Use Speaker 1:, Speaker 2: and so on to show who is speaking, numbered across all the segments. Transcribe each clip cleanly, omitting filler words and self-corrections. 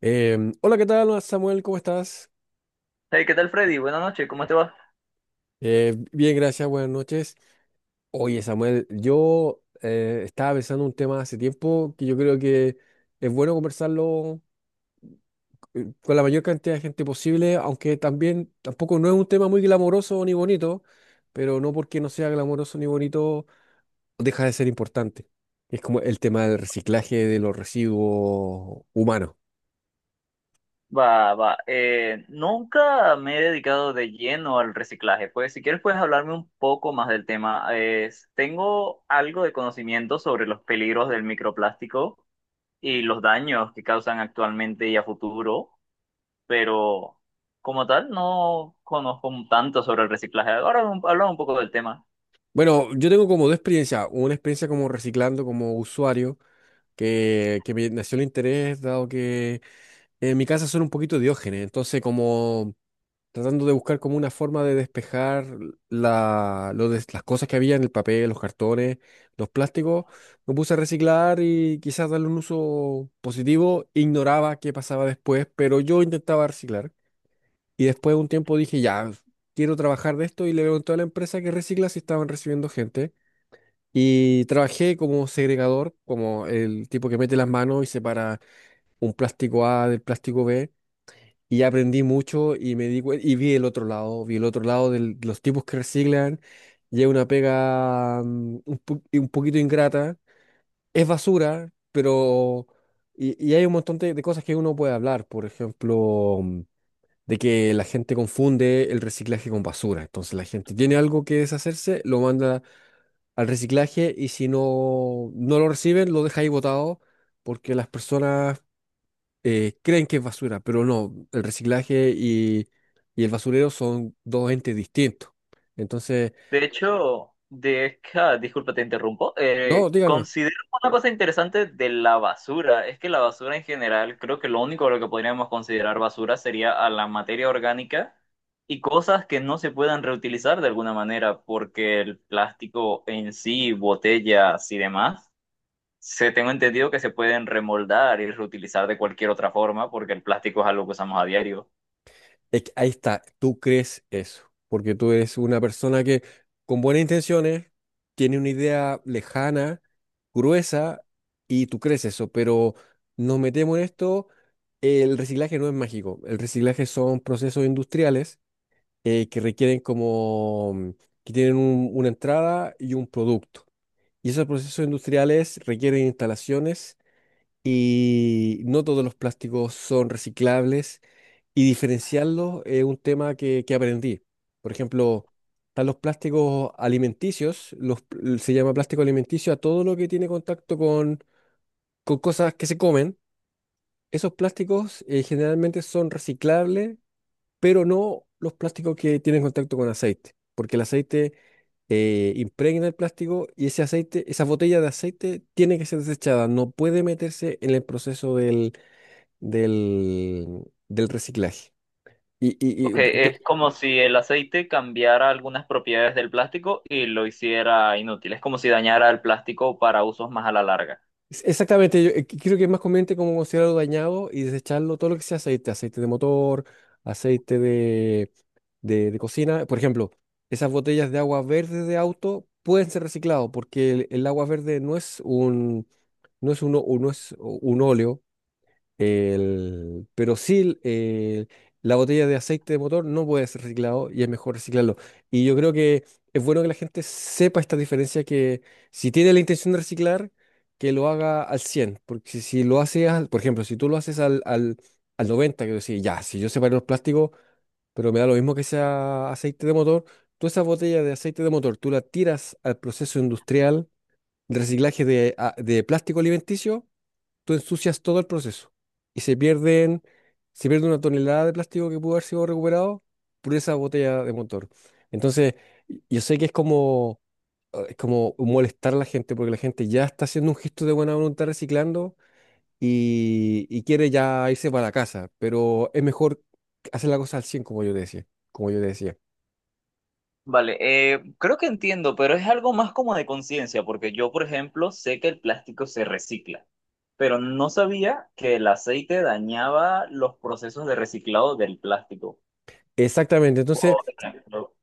Speaker 1: Hola, ¿qué tal, Samuel? ¿Cómo estás?
Speaker 2: Hey, ¿qué tal, Freddy? Buenas noches, ¿cómo te va?
Speaker 1: Bien, gracias, buenas noches. Oye, Samuel, yo estaba pensando un tema hace tiempo que yo creo que es bueno conversarlo con la mayor cantidad de gente posible, aunque también tampoco no es un tema muy glamoroso ni bonito, pero no porque no sea glamoroso ni bonito deja de ser importante. Es como el tema del reciclaje de los residuos humanos.
Speaker 2: Va, va. Nunca me he dedicado de lleno al reciclaje. Pues, si quieres, puedes hablarme un poco más del tema. Tengo algo de conocimiento sobre los peligros del microplástico y los daños que causan actualmente y a futuro, pero como tal, no conozco tanto sobre el reciclaje. Ahora, háblame un poco del tema.
Speaker 1: Bueno, yo tengo como dos experiencias, una experiencia como reciclando como usuario que me nació el interés, dado que en mi casa son un poquito diógenes, entonces como tratando de buscar como una forma de despejar las cosas que había en el papel, los cartones, los plásticos, me puse a reciclar y quizás darle un uso positivo, ignoraba qué pasaba después, pero yo intentaba reciclar y después de un tiempo dije, ya, quiero trabajar de esto y le pregunté a la empresa que recicla si estaban recibiendo gente. Y trabajé como segregador, como el tipo que mete las manos y separa un plástico A del plástico B y aprendí mucho y y vi el otro lado, vi el otro lado de los tipos que reciclan y es una pega un poquito ingrata, es basura, pero y hay un montón de cosas que uno puede hablar, por ejemplo, de que la gente confunde el reciclaje con basura, entonces la gente tiene algo que deshacerse, lo manda al reciclaje y si no no lo reciben, lo deja ahí botado porque las personas creen que es basura, pero no, el reciclaje y el basurero son dos entes distintos. Entonces,
Speaker 2: De hecho, disculpa, te interrumpo.
Speaker 1: no, díganos,
Speaker 2: Considero una cosa interesante de la basura. Es que la basura en general, creo que lo único a lo que podríamos considerar basura sería a la materia orgánica y cosas que no se puedan reutilizar de alguna manera, porque el plástico en sí, botellas y demás, se tengo entendido que se pueden remoldar y reutilizar de cualquier otra forma, porque el plástico es algo que usamos a diario.
Speaker 1: es que ahí está, tú crees eso, porque tú eres una persona que con buenas intenciones tiene una idea lejana, gruesa, y tú crees eso, pero nos metemos en esto, el reciclaje no es mágico, el reciclaje son procesos industriales que requieren como, una entrada y un producto. Y esos procesos industriales requieren instalaciones y no todos los plásticos son reciclables y diferenciarlos es un tema que aprendí. Por ejemplo, están los plásticos alimenticios, se llama plástico alimenticio a todo lo que tiene contacto con cosas que se comen. Esos plásticos generalmente son reciclables, pero no los plásticos que tienen contacto con aceite, porque el aceite impregna el plástico y ese aceite, esa botella de aceite tiene que ser desechada, no puede meterse en el proceso del, del reciclaje. Y, y- y
Speaker 2: Ok,
Speaker 1: bu- tú-
Speaker 2: es como si el aceite cambiara algunas propiedades del plástico y lo hiciera inútil. Es como si dañara el plástico para usos más a la larga.
Speaker 1: Exactamente, yo creo que es más conveniente como considerarlo dañado y desecharlo todo lo que sea aceite, aceite de motor, aceite de, de cocina. Por ejemplo, esas botellas de agua verde de auto pueden ser reciclados porque el agua verde no es un no es, uno, no es un óleo. Pero sí, la botella de aceite de motor no puede ser reciclado y es mejor reciclarlo. Y yo creo que es bueno que la gente sepa esta diferencia que si tiene la intención de reciclar, que lo haga al cien. Porque si, si lo haces, por ejemplo, si tú lo haces al 90, que decir, ya, si yo separo los plásticos, pero me da lo mismo que sea aceite de motor, tú esa botella de aceite de motor, tú la tiras al proceso industrial de reciclaje de, de plástico alimenticio, tú ensucias todo el proceso y se pierde una tonelada de plástico que pudo haber sido recuperado por esa botella de motor. Entonces, yo sé que es como molestar a la gente porque la gente ya está haciendo un gesto de buena voluntad reciclando y quiere ya irse para la casa, pero es mejor hacer la cosa al 100 como yo te decía, como yo te decía.
Speaker 2: Vale, creo que entiendo, pero es algo más como de conciencia, porque yo, por ejemplo, sé que el plástico se recicla, pero no sabía que el aceite dañaba los procesos de reciclado del plástico.
Speaker 1: Exactamente,
Speaker 2: Por
Speaker 1: entonces
Speaker 2: ejemplo,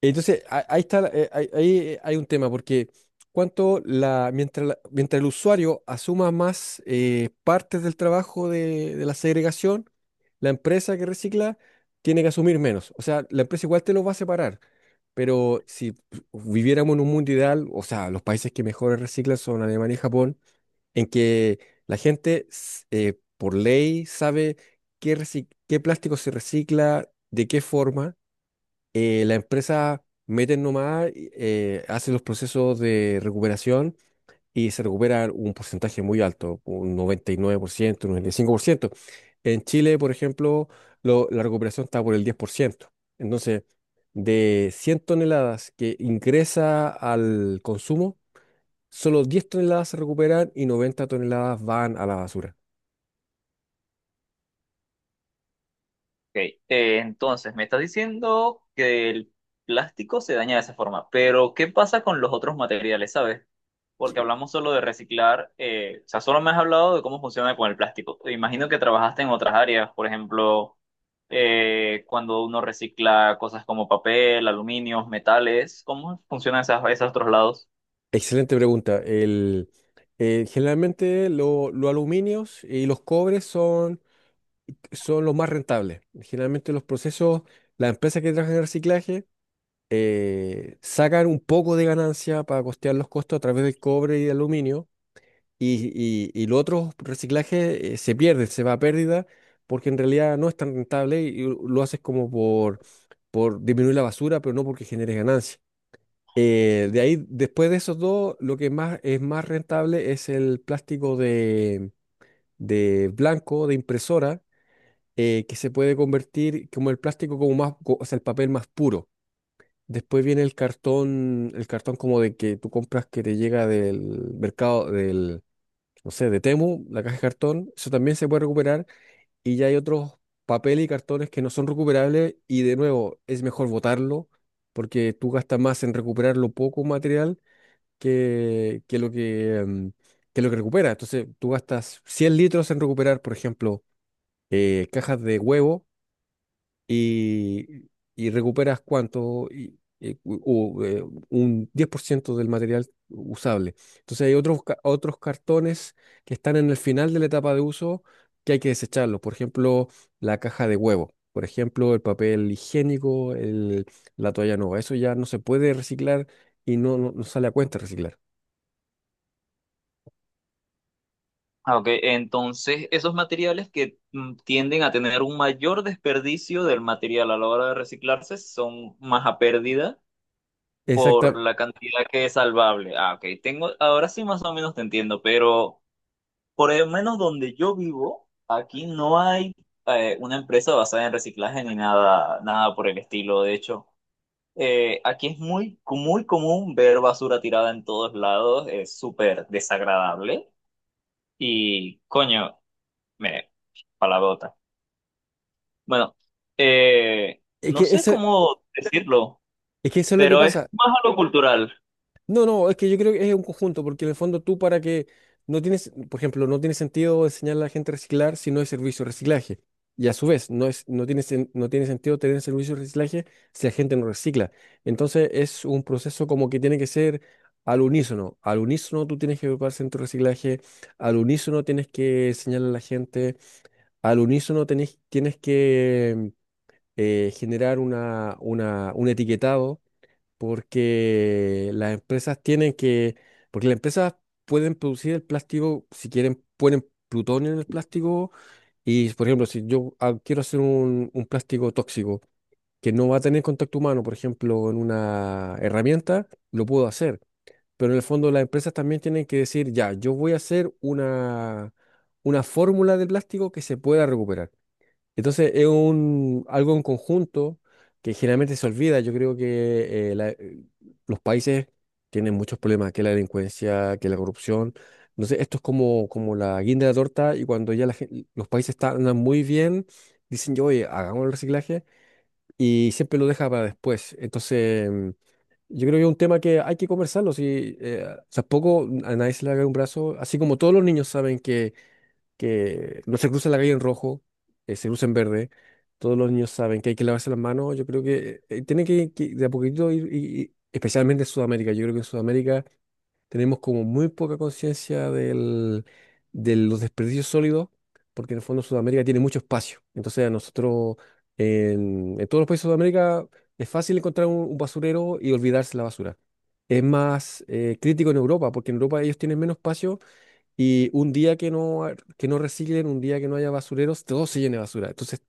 Speaker 1: entonces, ahí está, ahí hay un tema, porque cuanto la- mientras el usuario asuma más partes del trabajo de la segregación, la empresa que recicla tiene que asumir menos. O sea, la empresa igual te lo va a separar, pero si viviéramos en un mundo ideal, o sea, los países que mejores reciclan son Alemania y Japón, en que la gente por ley sabe qué, qué plástico se recicla, de qué forma la empresa meten nomás, hace los procesos de recuperación y se recupera un porcentaje muy alto, un 99%, un 95%. En Chile, por ejemplo, la recuperación está por el 10%. Entonces, de 100 toneladas que ingresa al consumo, solo 10 toneladas se recuperan y 90 toneladas van a la basura.
Speaker 2: ok, entonces me estás diciendo que el plástico se daña de esa forma, pero ¿qué pasa con los otros materiales, sabes? Porque hablamos solo de reciclar, o sea, solo me has hablado de cómo funciona con el plástico. Imagino que trabajaste en otras áreas, por ejemplo, cuando uno recicla cosas como papel, aluminio, metales, ¿cómo funcionan esas, esos otros lados?
Speaker 1: Excelente pregunta. Generalmente los aluminios y los cobres son los más rentables. Generalmente los procesos, las empresas que trabajan en reciclaje sacan un poco de ganancia para costear los costos a través del cobre y del aluminio y, y lo otro reciclaje se pierden, se va a pérdida porque en realidad no es tan rentable y lo haces como por disminuir la basura, pero no porque genere ganancia. De ahí, después de esos dos, lo que más rentable es el plástico de blanco, de impresora que se puede convertir como el plástico como más, o sea, el papel más puro. Después viene el cartón como de que tú compras que te llega del mercado del, no sé, de Temu, la caja de cartón, eso también se puede recuperar y ya hay otros papeles y cartones que no son recuperables y de nuevo es mejor botarlo porque tú gastas más en recuperar lo poco material que lo que, que lo que recupera. Entonces tú gastas 100 litros en recuperar, por ejemplo, cajas de huevo y, y recuperas cuánto, u- eh, un 10% del material usable. Entonces hay otros, otros cartones que están en el final de la etapa de uso que hay que desecharlos. Por ejemplo, la caja de huevo. Por ejemplo, el papel higiénico, la toalla nueva. Eso ya no se puede reciclar y no sale a cuenta reciclar.
Speaker 2: Ah, ok, entonces esos materiales que tienden a tener un mayor desperdicio del material a la hora de reciclarse son más a pérdida por
Speaker 1: Exacta.
Speaker 2: la cantidad que es salvable. Ah, ok, tengo, ahora sí más o menos te entiendo, pero por lo menos donde yo vivo, aquí no hay una empresa basada en reciclaje ni nada, nada por el estilo. De hecho, aquí es muy, muy común ver basura tirada en todos lados, es súper desagradable y coño, me, palabrota. Bueno,
Speaker 1: Es
Speaker 2: no
Speaker 1: que
Speaker 2: sé
Speaker 1: eso, es
Speaker 2: cómo decirlo,
Speaker 1: que eso es lo que
Speaker 2: pero es
Speaker 1: pasa.
Speaker 2: más a lo cultural.
Speaker 1: No, no, es que yo creo que es un conjunto, porque en el fondo tú para que no tienes, por ejemplo, no tiene sentido enseñar a la gente a reciclar si no hay servicio de reciclaje. Y a su vez, no tiene sentido tener servicio de reciclaje si la gente no recicla. Entonces es un proceso como que tiene que ser al unísono. Al unísono tú tienes que preparar centro de reciclaje, al unísono tienes que enseñarle a la gente, al unísono tienes que generar un etiquetado porque las empresas tienen que, porque las empresas pueden producir el plástico, si quieren, ponen plutonio en el plástico y, por ejemplo, si yo quiero hacer un plástico tóxico que no va a tener contacto humano, por ejemplo, en una herramienta, lo puedo hacer. Pero en el fondo las empresas también tienen que decir, ya, yo voy a hacer una fórmula de plástico que se pueda recuperar. Entonces es un, algo en conjunto que generalmente se olvida. Yo creo que los países tienen muchos problemas, que la delincuencia, que la corrupción. Entonces esto es como, como la guinda de la torta y cuando ya los países están, andan muy bien, dicen, oye, hagamos el reciclaje y siempre lo deja para después. Entonces yo creo que es un tema que hay que conversarlo. Si, tampoco a nadie se le haga un brazo, así como todos los niños saben que no se cruza la calle en rojo, se cruza en verde. Todos los niños saben que hay que lavarse las manos. Yo creo que tiene que de a poquito ir, especialmente en Sudamérica. Yo creo que en Sudamérica tenemos como muy poca conciencia del, de los desperdicios sólidos, porque en el fondo Sudamérica tiene mucho espacio. Entonces a nosotros, en todos los países de Sudamérica, es fácil encontrar un basurero y olvidarse la basura. Es más crítico en Europa, porque en Europa ellos tienen menos espacio y un día que no, que no reciclen, un día que no haya basureros, todo se llene de basura. Entonces,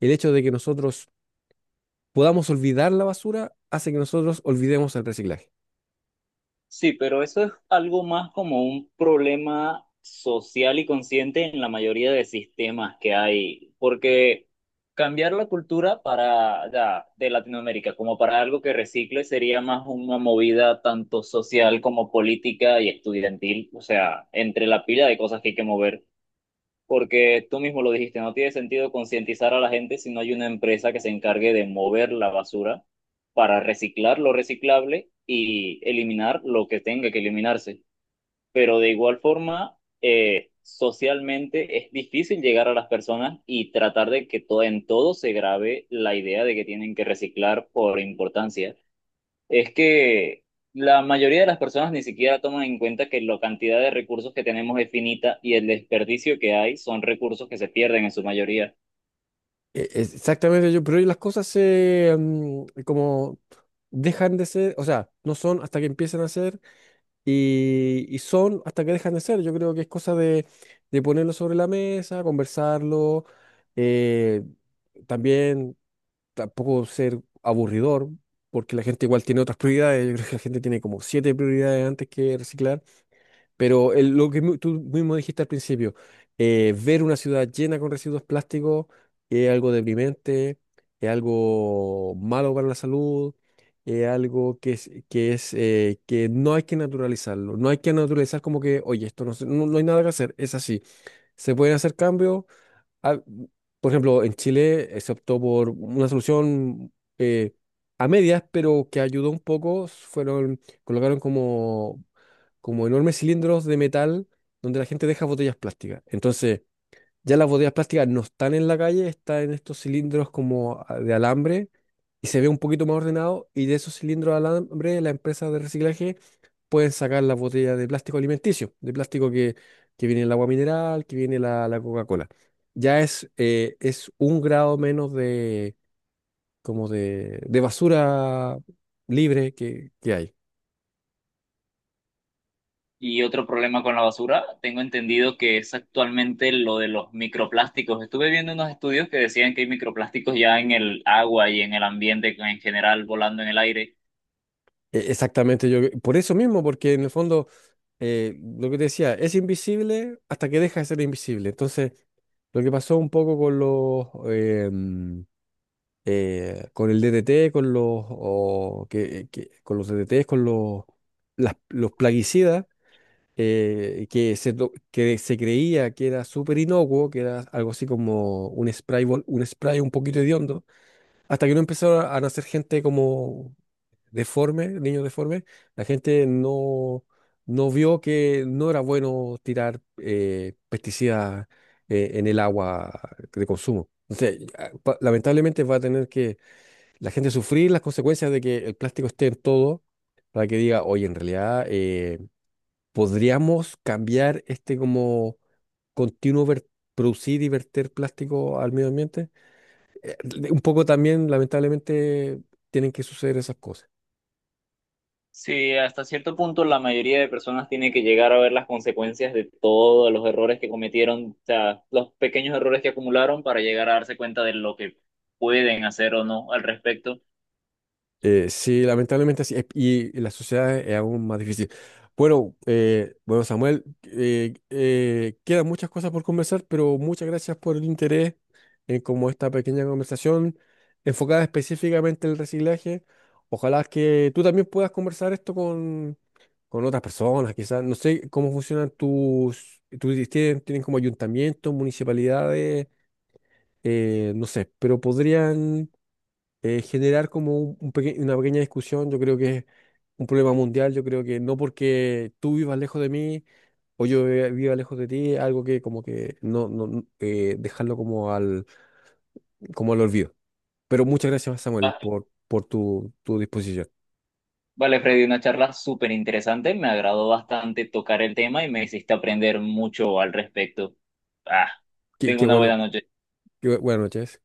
Speaker 1: el hecho de que nosotros podamos olvidar la basura hace que nosotros olvidemos el reciclaje.
Speaker 2: Sí, pero eso es algo más como un problema social y consciente en la mayoría de sistemas que hay, porque cambiar la cultura para ya, de Latinoamérica como para algo que recicle sería más una movida tanto social como política y estudiantil, o sea, entre la pila de cosas que hay que mover. Porque tú mismo lo dijiste, no tiene sentido concientizar a la gente si no hay una empresa que se encargue de mover la basura para reciclar lo reciclable y eliminar lo que tenga que eliminarse. Pero de igual forma, socialmente es difícil llegar a las personas y tratar de que to- en todo se grabe la idea de que tienen que reciclar por importancia, es que la mayoría de las personas ni siquiera toman en cuenta que la cantidad de recursos que tenemos es finita y el desperdicio que hay son recursos que se pierden en su mayoría.
Speaker 1: E- es Exactamente, yo, pero hoy las cosas se como dejan de ser, o sea, no son hasta que empiezan a ser y son hasta que dejan de ser. Yo creo que es cosa de ponerlo sobre la mesa, conversarlo, eh, también tampoco ser aburridor, porque la gente igual tiene otras prioridades. Yo creo que la gente tiene como siete prioridades antes que reciclar. Pero tú mismo dijiste al principio, ver una ciudad llena con residuos plásticos es algo deprimente, es algo malo para la salud. Es algo que es que no hay que naturalizarlo, no hay que naturalizar como que, oye, esto no, no hay nada que hacer, es así. Se pueden hacer cambios. Ah, por ejemplo, en Chile se optó por una solución eh, a medias, pero que ayudó un poco. Fueron, colocaron como, como enormes cilindros de metal donde la gente deja botellas plásticas. Entonces, ya las botellas plásticas no están en la calle, están en estos cilindros como de alambre y se ve un poquito más ordenado. Y de esos cilindros de alambre, la empresa de reciclaje pueden sacar las botellas de plástico alimenticio, de plástico que viene el agua mineral, que viene la, la Coca-Cola. Es un grado menos de, como de basura libre que hay.
Speaker 2: Y otro problema con la basura, tengo entendido que es actualmente lo de los microplásticos. Estuve viendo unos estudios que decían que hay microplásticos ya en el agua y en el ambiente en general volando en el aire.
Speaker 1: Exactamente, yo, por eso mismo, porque en el fondo, lo que te decía, es invisible hasta que deja de ser invisible. Entonces, lo que pasó un poco con los, con el DDT, con los, con los DDTs, con los, los plaguicidas, que se creía que era súper inocuo, que era algo así como un spray, un spray un poquito hediondo, hasta que no empezaron a nacer gente como deforme, niños deformes, la gente no, no vio que no era bueno tirar pesticidas en el agua de consumo. Entonces, lamentablemente va a tener que la gente sufrir las consecuencias de que el plástico esté en todo, para que diga, oye, en realidad podríamos cambiar este como continuo ver- producir y verter plástico al medio ambiente. Eh, Un poco también, lamentablemente, tienen que suceder esas cosas.
Speaker 2: Sí, hasta cierto punto la mayoría de personas tiene que llegar a ver las consecuencias de todos los errores que cometieron, o sea, los pequeños errores que acumularon para llegar a darse cuenta de lo que pueden hacer o no al respecto.
Speaker 1: Sí, lamentablemente sí es, y la sociedad es aún más difícil. Bueno, Samuel, quedan muchas cosas por conversar, pero muchas gracias por el interés en como esta pequeña conversación enfocada específicamente en el reciclaje. Ojalá que tú también puedas conversar esto con otras personas, quizás. No sé cómo funcionan tus, tienen como ayuntamientos, municipalidades, no sé, pero podrían generar como una pequeña discusión, yo creo que es un problema mundial, yo creo que no porque tú vivas lejos de mí o yo viva lejos de ti, algo que como que no, no no, dejarlo como al olvido. Pero muchas gracias, Samuel,
Speaker 2: Ah,
Speaker 1: por tu, tu disposición.
Speaker 2: vale, Freddy, una charla súper interesante. Me agradó bastante tocar el tema y me hiciste aprender mucho al respecto. Ah,
Speaker 1: Qué,
Speaker 2: tengo
Speaker 1: qué
Speaker 2: una buena
Speaker 1: bueno,
Speaker 2: noche.
Speaker 1: qué bu- Buenas noches.